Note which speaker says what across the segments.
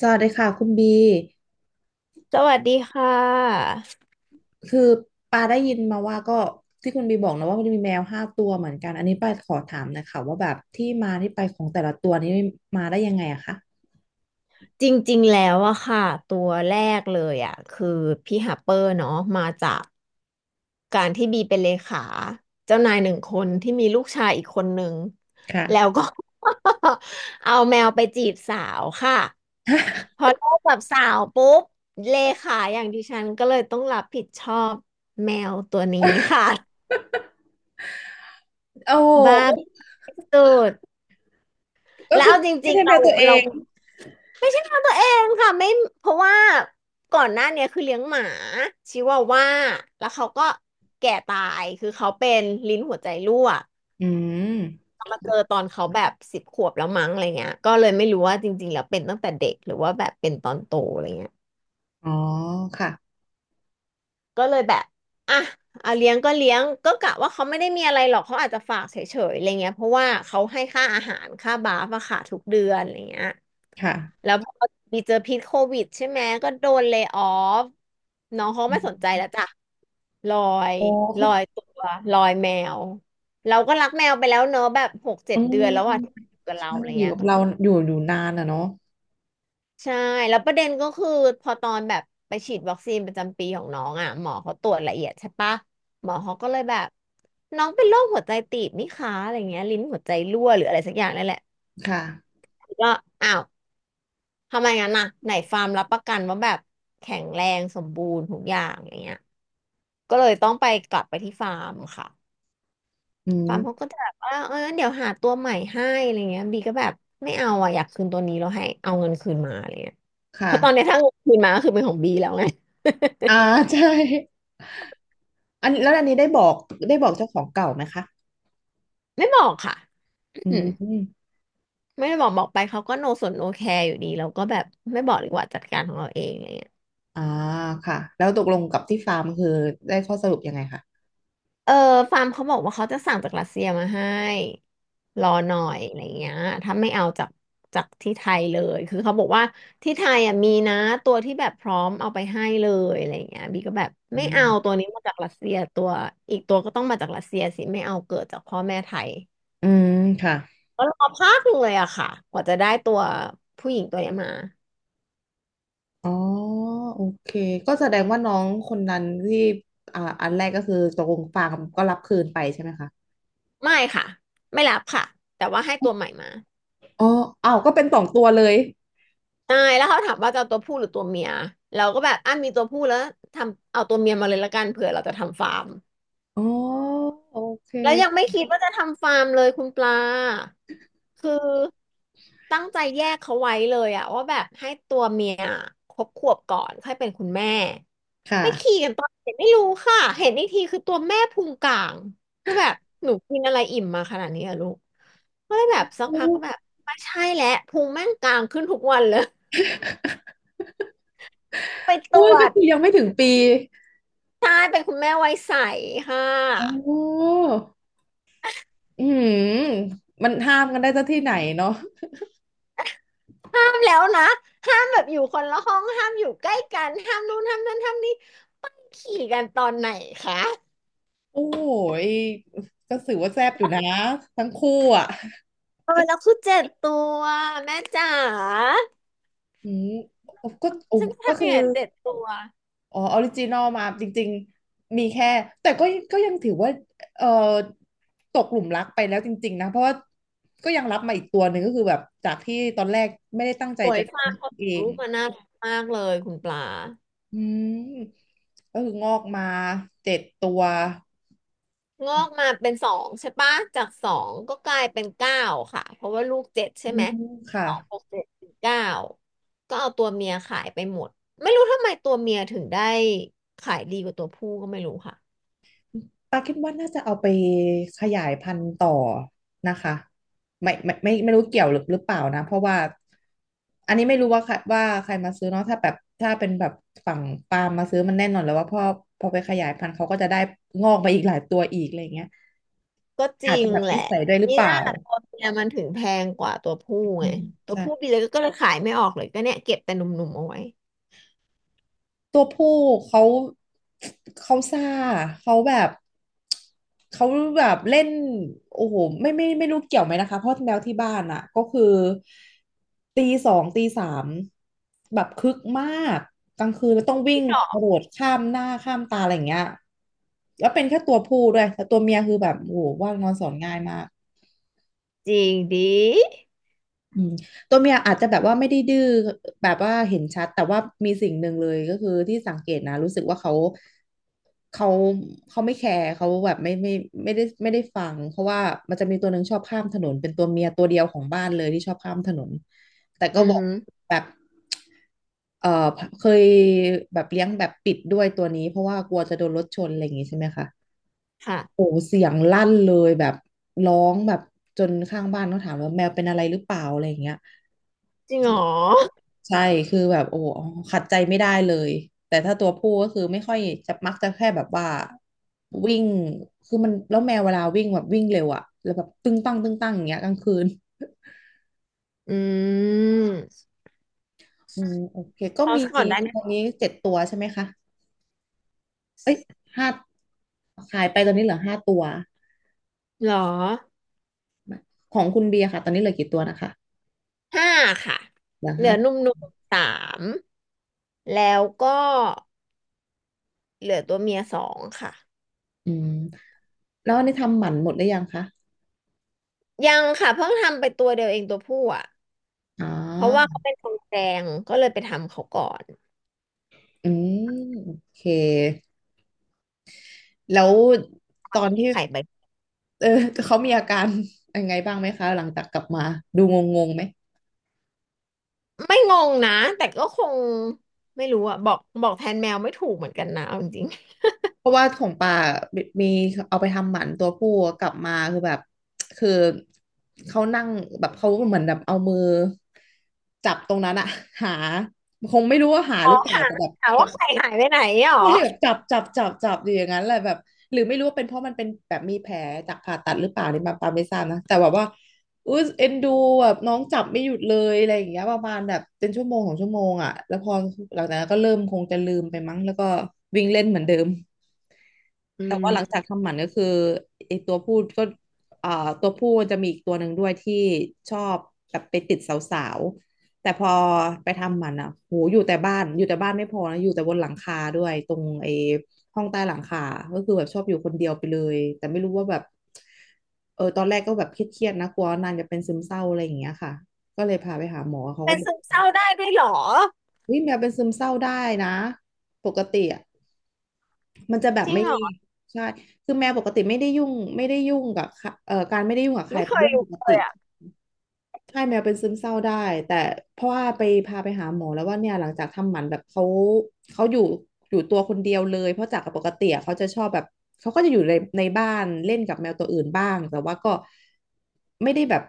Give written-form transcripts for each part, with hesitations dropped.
Speaker 1: สวัสดีค่ะคุณบี
Speaker 2: สวัสดีค่ะ
Speaker 1: คือปาได้ยินมาว่าก็ที่คุณบีบอกนะว่ามันมีแมวห้าตัวเหมือนกัน อันนี้ปาขอถามหนะคะว่าแบบที่มาที่ไปของแต่ละตัวนี้มาได้ยังไงอะคะ
Speaker 2: จริงๆแล้วอะค่ะตัวแรกเลยอะคือพี่ฮัปเปอร์เนาะมาจากการที่บีเป็นเลขาเจ้านายหนึ่งคนที่มีลูกชายอีกคนหนึ่ง
Speaker 1: ค่ะ
Speaker 2: แล้วก็ เอาแมวไปจีบสาวค่ะพ อเลิกกับสาวปุ๊บเลขาอย่างดิฉันก็เลยต้องรับผิดชอบแมวตัวนี้ค่ะ
Speaker 1: โอ
Speaker 2: บ้า
Speaker 1: ้
Speaker 2: สุด แล้วเอาจ
Speaker 1: ไม่
Speaker 2: ริง
Speaker 1: ใช่
Speaker 2: ๆ
Speaker 1: แม
Speaker 2: เรา
Speaker 1: วตัวเอ
Speaker 2: เรา
Speaker 1: ง
Speaker 2: ไม่ใช่ของตัวเองค่ะไม่เพราะว่าก่อนหน้าเนี้ยคือเลี้ยงหมาชิวาว่าแล้วเขาก็แก่ตายคือเขาเป็นลิ้นหัวใจรั่ว
Speaker 1: อืม
Speaker 2: มาเจอตอนเขาแบบสิบขวบแล้วมั้งอะไรเงี้ยก็เลยไม่รู้ว่าจริงๆแล้วเป็นตั้งแต่เด็กหรือว่าแบบเป็นตอนโตอะไรเงี้ย
Speaker 1: อ๋อค่ะ
Speaker 2: ก็เลยแบบอ่ะอ่ะเลี้ยงก็เลี้ยงก็กะว่าเขาไม่ได้มีอะไรหรอกเขาอาจจะฝากเฉยๆอะไรเงี้ยเพราะว่าเขาให้ค่าอาหารค่าบาฟอะค่ะทุกเดือนอะไรเงี้ย
Speaker 1: ค
Speaker 2: แล้
Speaker 1: ่ะ
Speaker 2: วพอมีเจอพิษโควิดใช่ไหมก็โดนเล y o ออฟน้องเขาไม่สนใจแล้วจ้ะลอย
Speaker 1: โอ้
Speaker 2: ลอยตัวลอยแมวเราก็รักแมวไปแล้วเนอะแบบหกเจ็
Speaker 1: อื
Speaker 2: ดเดื
Speaker 1: ม
Speaker 2: อนแล้วอะที่มันอยู่กับเรา
Speaker 1: ใช่
Speaker 2: อะไร
Speaker 1: อยู่
Speaker 2: เงี้ย
Speaker 1: กับเราอยู่นานอะเนาะ
Speaker 2: ใช่แล้วประเด็นก็คือพอตอนแบบไปฉีดวัคซีนประจำปีของน้องอ่ะหมอเขาตรวจละเอียดใช่ปะหมอเขาก็เลยแบบน้องเป็นโรคหัวใจตีบนี่คะอะไรเงี้ยลิ้นหัวใจรั่วหรืออะไรสักอย่างนั่นแหละ
Speaker 1: ค่ะ
Speaker 2: ก็อ้าวทำไมงั้นน่ะไหนฟาร์มรับประกันว่าแบบแข็งแรงสมบูรณ์ทุกอย่างอย่างเงี้ยก็เลยต้องไปกลับไปที่ฟาร์มค่ะ
Speaker 1: อื
Speaker 2: ปามเขา
Speaker 1: ม
Speaker 2: ก็จะแบบว่าเอองั้นเดี๋ยวหาตัวใหม่ให้อะไรเงี้ยบีก็แบบไม่เอาอ่ะอยากคืนตัวนี้แล้วให้เอาเงินคืนมาอะไรเงี้ยเพ
Speaker 1: ค่ะ
Speaker 2: ราะตอนเนี้ยถ้าเงินคืนมาก็คือเป็นของบีแล้วไง
Speaker 1: อ่า ใช่อันแล้วอันนี้ได้บอกเจ้าของเก่าไหมคะ
Speaker 2: ไม่บอกค่ะ
Speaker 1: อื
Speaker 2: อืม
Speaker 1: ม
Speaker 2: ไม่ได้บอกไปเขาก็โนสนโอแคร์อยู่ดีเราก็แบบไม่บอกดีกว่าจัดการของเราเองอะไรเงี้ย
Speaker 1: อ่าค่ะ แล้วตกลงกับที่ฟาร์มคือได้ข้อสรุปยังไงคะ
Speaker 2: เออฟาร์มเขาบอกว่าเขาจะสั่งจากรัสเซียมาให้รอหน่อยอะไรเงี้ยถ้าไม่เอาจากที่ไทยเลยคือเขาบอกว่าที่ไทยอ่ะมีนะตัวที่แบบพร้อมเอาไปให้เลยอะไรเงี้ยบีก็แบบ
Speaker 1: อื
Speaker 2: ไม่เอา
Speaker 1: ม
Speaker 2: ตัวนี้มาจากรัสเซียตัวอีกตัวก็ต้องมาจากรัสเซียสิไม่เอาเกิดจากพ่อแม่ไทย
Speaker 1: อืมค่ะ
Speaker 2: ก็รอพักหนึ่งเลยอะค่ะกว่าจะได้ตัวผู้หญิงตัวเนี้ยมา
Speaker 1: อ๋อโอเค ก็แสดงว่าน้องคนนั้นที่อ่าอันแรกก็คือตกลงฟาร์มก็รับคืนไปใช่ไหมคะ
Speaker 2: ไม่ค่ะไม่รับค่ะแต่ว่าให้ตัวใหม่มา
Speaker 1: อ๋ออ้าวก็เป็นสองตัวเลย
Speaker 2: ใช่แล้วเขาถามว่าจะเอาตัวผู้หรือตัวเมียเราก็แบบอ่ะมีตัวผู้แล้วทำเอาตัวเมียมาเลยละกันเผื่อเราจะทำฟาร์ม
Speaker 1: อ๋อ โอเค
Speaker 2: แล้วยังไม่คิดว่าจะทำฟาร์มเลยคุณปลาคือตั้งใจแยกเขาไว้เลยอะว่าแบบให้ตัวเมียครบขวบก่อนค่อยเป็นคุณแม่
Speaker 1: ค่ะ
Speaker 2: ไปขี่กันตอนเด็กไม่รู้ค่ะเห็นอีกทีคือตัวแม่พุงกลางคือแบบหนูกินอะไรอิ่มมาขนาดนี้อะลูกก็เลยแบบสัก
Speaker 1: โอ้
Speaker 2: พักก็แบบไม่ใช่แล้วพุงแม่งกลางขึ้นทุกวันเลย ไปต
Speaker 1: โอ้
Speaker 2: ร
Speaker 1: ย
Speaker 2: ว
Speaker 1: ก็
Speaker 2: จ
Speaker 1: คือยังไม่ถึงปี
Speaker 2: ใช่เป็นคุณแม่วัยใสค่
Speaker 1: อ๋
Speaker 2: ะ
Speaker 1: ออืมมันห้ามกันได้ซะที่ไหนเนาะ
Speaker 2: ห้ามแล้วนะห้ามแบบอยู่คนละห้องห้ามอยู่ใกล้กันห้ามนู่นห้ามนั่นห้ามนี่ขี่กันตอนไหนคะ
Speaker 1: โอ้ย ก็ถือว่าแซ่บอยู่นะทั้งคู่อ่ะ
Speaker 2: เออแล้วคือเจ็ดตัวแม่จ๋า
Speaker 1: อืมก็โอ้
Speaker 2: ฉันจะ
Speaker 1: ก็
Speaker 2: ทำ
Speaker 1: คื
Speaker 2: ยัง
Speaker 1: อ
Speaker 2: ไงเจ็ดตัว
Speaker 1: อ๋อออริจินอลมาจริงๆมีแค่แต่ก็ก็ยังถือว่าเอ่อตกหลุมรักไปแล้วจริงๆนะเพราะว่าก็ยังรับมาอีกตัวหนึ่งก็คือแบบจากที่ตอนแรกไม่ได้ตั้งใจ
Speaker 2: โอย
Speaker 1: จะเลี้
Speaker 2: ฟาร์ม
Speaker 1: ยง
Speaker 2: เขาู
Speaker 1: เอ
Speaker 2: ก
Speaker 1: ง
Speaker 2: ลูกมาน่ารักมากเลยคุณปลา
Speaker 1: อืมก็คืองอกมาเจ็ดตัว
Speaker 2: งอกมาเป็นสองใช่ปะจากสองก็กลายเป็นเก้าค่ะเพราะว่าลูกเจ็ดใช่
Speaker 1: อื
Speaker 2: ไหม
Speaker 1: มค่ะ
Speaker 2: สองบวกเจ็ดเป็นเก้าก็เอาตัวเมียขายไปหมดไม่รู้ทำไมตัวเมียถึงได้ขายดีกว่าตัวผู้ก็ไม่รู้ค่ะ
Speaker 1: ปาคิดว่าน่าจะเอาไปขยายพันธุ์ต่อนะคะไม่รู้เกี่ยวหรือเปล่านะเพราะว่าอันนี้ไม่รู้ว่าใครมาซื้อเนาะถ้าแบบถ้าเป็นแบบฝั่งปาล์มมาซื้อมันแน่นอนแล้วว่าพอไปขยายพันธุ์เขาก็จะได้งอกไปอีกหลายตัวอีกอะไรเงี้ย
Speaker 2: ก็จ
Speaker 1: อา
Speaker 2: ริ
Speaker 1: จจะ
Speaker 2: ง
Speaker 1: แบบ
Speaker 2: แหละ
Speaker 1: นิสัยด้วยหรือ
Speaker 2: นี่
Speaker 1: เป
Speaker 2: น่า
Speaker 1: ล่า
Speaker 2: ตัวเมียมันถึงแพงกว่าตัวผู้
Speaker 1: อื
Speaker 2: ไง
Speaker 1: ม
Speaker 2: ตัว
Speaker 1: ใช่
Speaker 2: ผู้ดีเลยก็เลยขายไม่ออกเลยก็เนี่ยเก็บแต่หนุ่มๆเอาไว้
Speaker 1: ตัวผู้เขาเขาซ่าเขาแบบเขาแบบเล่นโอ้โหไม่รู้เกี่ยวไหมนะคะเพราะแมวที่บ้านอ่ะก็คือตีสองตีสามแบบคึกมากกลางคืนแล้วต้องวิ่งกระโดดข้ามหน้าข้ามตาอะไรอย่างเงี้ยแล้วเป็นแค่ตัวผู้ด้วยแต่ตัวเมียคือแบบโอ้โหว่านอนสอนง่ายมาก
Speaker 2: จริงดิ
Speaker 1: อืมตัวเมียอาจจะแบบว่าไม่ได้ดื้อแบบว่าเห็นชัดแต่ว่ามีสิ่งหนึ่งเลยก็คือที่สังเกตนะรู้สึกว่าเขาเขาไม่แคร์เขาแบบไม่ได้ฟังเพราะว่ามันจะมีตัวหนึ่งชอบข้ามถนนเป็นตัวเมียตัวเดียวของบ้านเลยที่ชอบข้ามถนนแต่ก็
Speaker 2: อือ
Speaker 1: บอก
Speaker 2: ฮึ
Speaker 1: แบบเออเคยแบบเลี้ยงแบบปิดด้วยตัวนี้เพราะว่ากลัวจะโดนรถชนอะไรอย่างงี้ใช่ไหมคะโอ้
Speaker 2: ค่ะ
Speaker 1: เสียงลั่นเลยแบบร้องแบบจนข้างบ้านเขาถามว่าแมวเป็นอะไรหรือเปล่าอะไรอย่างเงี้ย
Speaker 2: จริงเหรอ
Speaker 1: ใช่คือแบบโอ้โหขัดใจไม่ได้เลยแต่ถ้าตัวผู้ก็คือไม่ค่อยจะมักจะแค่แบบว่าวิ่งคือมันแล้วแมวเวลาวิ่งแบบวิ่งเร็วอะแล้วแบบตึ้งตั้งตึ้งตั้งอย่างเงี้ยกลางคืน
Speaker 2: อืม
Speaker 1: อืมโอเคก็
Speaker 2: เอา
Speaker 1: มี
Speaker 2: ซะก่อนได้ไหม
Speaker 1: ตอนนี้เจ็ดตัวใช่ไหมคะเอ้ยห้าขายไปตอนนี้เหลือห้าตัว
Speaker 2: เหรอ
Speaker 1: ของคุณเบียร์ค่ะตอนนี้เหลือกี่ตัวนะคะ
Speaker 2: ห้าค่ะ
Speaker 1: เหลือ
Speaker 2: เหลื
Speaker 1: ห้า
Speaker 2: อหนุ่มๆสามแล้วก็เหลือตัวเมียสองค่ะ
Speaker 1: อืมแล้วอันนี่ทำหมันหมดหรือยังคะ
Speaker 2: ยังค่ะเพิ่งทำไปตัวเดียวเองตัวผู้อ่ะ
Speaker 1: อ๋อ
Speaker 2: เพราะว่าเขาเป็นทองแดงก็เลยไปทำเขาก่อน
Speaker 1: อืมโอเค แล้วตอนที่
Speaker 2: ไข่ใบ
Speaker 1: เออเขามีอาการ ยังไงบ้างไหมคะ หลังจากกลับมาดูงงงๆไหม
Speaker 2: ไม่งงนะแต่ก็คงไม่รู้อะบอกบอกแทนแมวไม่ถูกเหมือนกันนะเอาจริง
Speaker 1: เพราะว่าของป่ามีเอาไปทำหมันตัวผู้กลับมาคือแบบคือเขานั่งแบบเขาเหมือนแบบเอามือจับตรงนั้นอะหาคงไม่รู้ว่าหา
Speaker 2: ๆ
Speaker 1: ห
Speaker 2: อ๋อ
Speaker 1: รือเปล่าแต่แบบ
Speaker 2: ถามว่าไข่หายไปไหนหรอ
Speaker 1: ใช่แบบจับอยู่อย่างนั้นแหละแบบหรือไม่รู้ว่าเป็นเพราะมันเป็นแบบมีแผลจากผ่าตัดหรือเปล่านี่มาปาไม่ทราบนะแต่แบบว่าอุ้ยเอ็นดูแบบน้องจับไม่หยุดเลยอะไรอย่างเงี้ยประมาณแบบเป็นชั่วโมงของชั่วโมงอ่ะแล้วพอหลังจากนั้นก็เริ่มคงจะลืมไปมั้งแล้วก็วิ่งเล่นเหมือนเดิม
Speaker 2: อื
Speaker 1: แต่ว่าหลังจาก
Speaker 2: ม
Speaker 1: ทำหมันก็คือไอตัวผู้ก็อ่าตัวผู้จะมีอีกตัวหนึ่งด้วยที่ชอบแบบไปติดสาวๆแต่พอไปทำหมันอ่ะโหอยู่แต่บ้านไม่พอนะอยู่แต่บนหลังคาด้วยตรงไอห้องใต้หลังคาก็คือแบบชอบอยู่คนเดียวไปเลยแต่ไม่รู้ว่าแบบเออตอนแรกก็แบบเครียดๆนะกลัวนางจะเป็นซึมเศร้าอะไรอย่างเงี้ยค่ะก็เลยพาไปหาหมอเขา
Speaker 2: เป็
Speaker 1: ก็
Speaker 2: น
Speaker 1: บอก
Speaker 2: ซึมเศร้าได้ด้วยหรอ
Speaker 1: เฮ้ยแมวเป็นซึมเศร้าได้นะปกติอะ มันจะแบบ
Speaker 2: จริง
Speaker 1: ไม่
Speaker 2: หรอ
Speaker 1: ใช่คือแมวปกติไม่ได้ยุ่งไม่ได้ยุ่งกับใครการไม่ได้ยุ่งกับใคร
Speaker 2: ไม่
Speaker 1: เป็
Speaker 2: เค
Speaker 1: น
Speaker 2: ย
Speaker 1: เรื่องป
Speaker 2: รู้
Speaker 1: ก
Speaker 2: เล
Speaker 1: ติ
Speaker 2: ยอ่ะ
Speaker 1: ใช่แมวเป็นซึมเศร้าได้แต่เพราะว่าไปพาไปหาหมอแล้วว่าเนี่ยหลังจากทำหมันแบบเขาเขาอยู่อยู่ตัวคนเดียวเลยเพราะจากปกติอะเขาจะชอบแบบเขาก็จะอยู่ในบ้านเล่นกับแมวตัวอื่นบ้างแต่ว่าก็ไม่ได้แบบ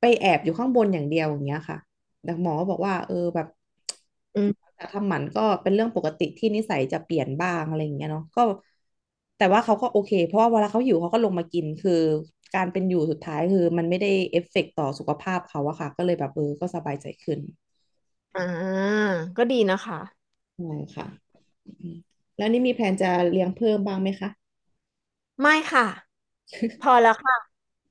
Speaker 1: ไปแอบอยู่ข้างบนอย่างเดียวอย่างเงี้ยค่ะ แต่หมอก็บอกว่าเออแบบ
Speaker 2: อืม
Speaker 1: การทำหมันก็เป็นเรื่องปกติที่นิสัยจะเปลี่ยนบ้างอะไรอย่างเงี้ยเนาะก็แต่ว่าเขาก็โอเคเพราะว่าเวลาเขาหิวเขาก็ลงมากินคือการเป็นอยู่สุดท้ายคือมันไม่ได้เอฟเฟกต์ต่อสุขภาพเขาอะค่ะก็เลยแบบเออก็สบายใจขึ้น
Speaker 2: อ่าก็ดีนะคะ
Speaker 1: ใช่ค่ะอืมแล้วนี่มีแผนจะเลี้ยงเพิ่มบ้างไหมคะ
Speaker 2: ไม่ค่ะพอแล้วค่ะ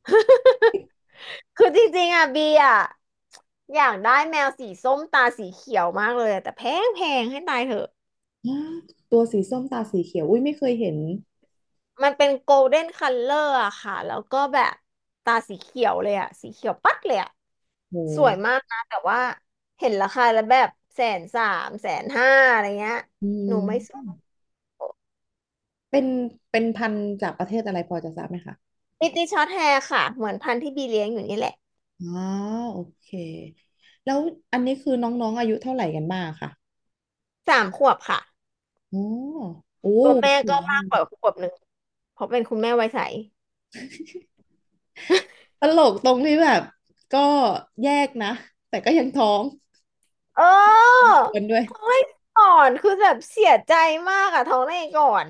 Speaker 2: คือจริงๆอ่ะบีอ่ะอยากได้แมวสีส้มตาสีเขียวมากเลยอะแต่แพงให้ตายเถอะ
Speaker 1: อ้ตัวสีส้มตาสีเขียวอุ้ยไม่เคยเห็น
Speaker 2: มันเป็นโกลเด้นคัลเลอร์อะค่ะแล้วก็แบบตาสีเขียวเลยอะสีเขียวปั๊ดเลยอะ
Speaker 1: โ
Speaker 2: สวย
Speaker 1: ห
Speaker 2: มากนะแต่ว่าเห็นราคาแล้วแบบแสนสามแสนห้าอะไรเงี้ย
Speaker 1: อื
Speaker 2: หนูไม่ซื้อ
Speaker 1: มเป็นเป็นพันธุ์จากประเทศอะไรพอจะทราบไหมคะ
Speaker 2: มิติช็อตแฮร์ค่ะเหมือนพันธุ์ที่บีเลี้ยงอยู่นี่แหละ
Speaker 1: อ๋อโอเคแล้วอันนี้คือน้องๆอายุเท่าไหร่กันบ้างค่ะ
Speaker 2: สามขวบค่ะ
Speaker 1: อ๋อโอ้
Speaker 2: ตัวแม่
Speaker 1: สู
Speaker 2: ก็
Speaker 1: ง
Speaker 2: มา
Speaker 1: มา
Speaker 2: กกว่า
Speaker 1: ก
Speaker 2: ขวบหนึ่งเพราะเป็นคุณแม่ไวยใส
Speaker 1: ตลกตรงที่แบบก็แยกนะแต่ก็ยังท้อง
Speaker 2: เออ
Speaker 1: เดือนด้วย
Speaker 2: ท้องได้ก่อนคือแบบเสียใจมากอะท้องได้ก่อน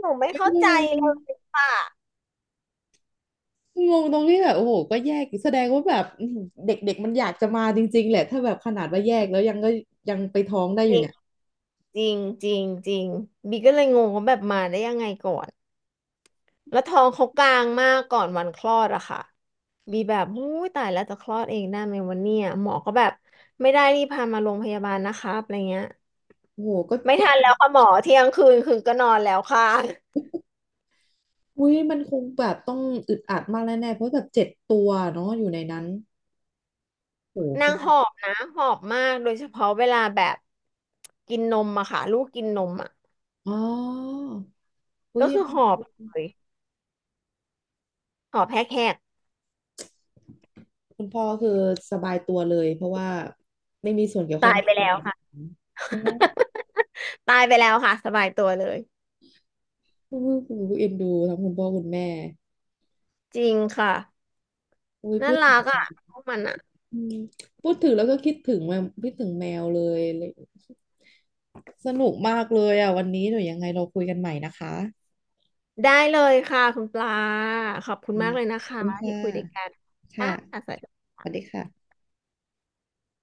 Speaker 2: หนูไม่
Speaker 1: ไม่
Speaker 2: เข้า
Speaker 1: ไม่
Speaker 2: ใจ
Speaker 1: ไม่
Speaker 2: เลยค่ะ
Speaker 1: งงตรงที่แบบโอ้โหก็แยกอีกแสดงว่าแบบอื้อหือเด็กๆมันอยากจะมาจริงๆแหละถ้าแบบขนาดว่าแยกแล้วยังก็ยังไปท้องได้อยู่เนี่ย
Speaker 2: จริงจริงจริงบีก็เลยงงว่าแบบมาได้ยังไงก่อนแล้วท้องเขากลางมากก่อนวันคลอดอะค่ะบีแบบหู้ยตายแล้วจะคลอดเองได้ไหมวันเนี้ยหมอก็แบบไม่ได้รีบพามาโรงพยาบาลนะครับอะไรเงี้ย
Speaker 1: โอ้โหก็
Speaker 2: ไม่
Speaker 1: ก็
Speaker 2: ทันแล้วค่ะหมอเที่ยงคืนคือก็นอนแล้วค่ะ
Speaker 1: อุ้ยมันคงแบบต้องอึดอัดมากแน่ๆเพราะแบบ7 ตัวเนาะอยู่ในนั้นโอ้โหค
Speaker 2: นาง
Speaker 1: ง
Speaker 2: หอบนะหอบมากโดยเฉพาะเวลาแบบกินนมอะค่ะลูกกินนมอะ
Speaker 1: อ๋ออุ้
Speaker 2: ก็
Speaker 1: ย
Speaker 2: คือหอบเลยหอบแฮกแฮก
Speaker 1: คุณพ่อคือสบายตัวเลยเพราะว่าไม่มีส่วนเกี่ยว
Speaker 2: ตา
Speaker 1: ข้อง
Speaker 2: ยไปแล้วค่ะ
Speaker 1: โอ้โห
Speaker 2: ตายไปแล้วค่ะสบายตัวเลย
Speaker 1: เอ็นดูทั้งคุณพ่อคุณแม่
Speaker 2: จริงค่ะ
Speaker 1: อุ้ย
Speaker 2: น่า
Speaker 1: พูด
Speaker 2: รักอ่ะพวกมันอ่ะ
Speaker 1: อืมพูดถึงแล้วก็คิดถึงแมวคิดถึงแมวเลยเลยสนุกมากเลยอ่ะวันนี้หนูยังไงเราคุยกันใหม่นะคะ
Speaker 2: ได้เลยค่ะคุณปลาขอบคุณมาก
Speaker 1: นะ
Speaker 2: เลยนะ
Speaker 1: ขอบ
Speaker 2: คะ
Speaker 1: คุณค่
Speaker 2: ที่คุยด้วยกั
Speaker 1: ะ
Speaker 2: นค่
Speaker 1: ค่ะ
Speaker 2: ะ
Speaker 1: สวัสดีค่ะ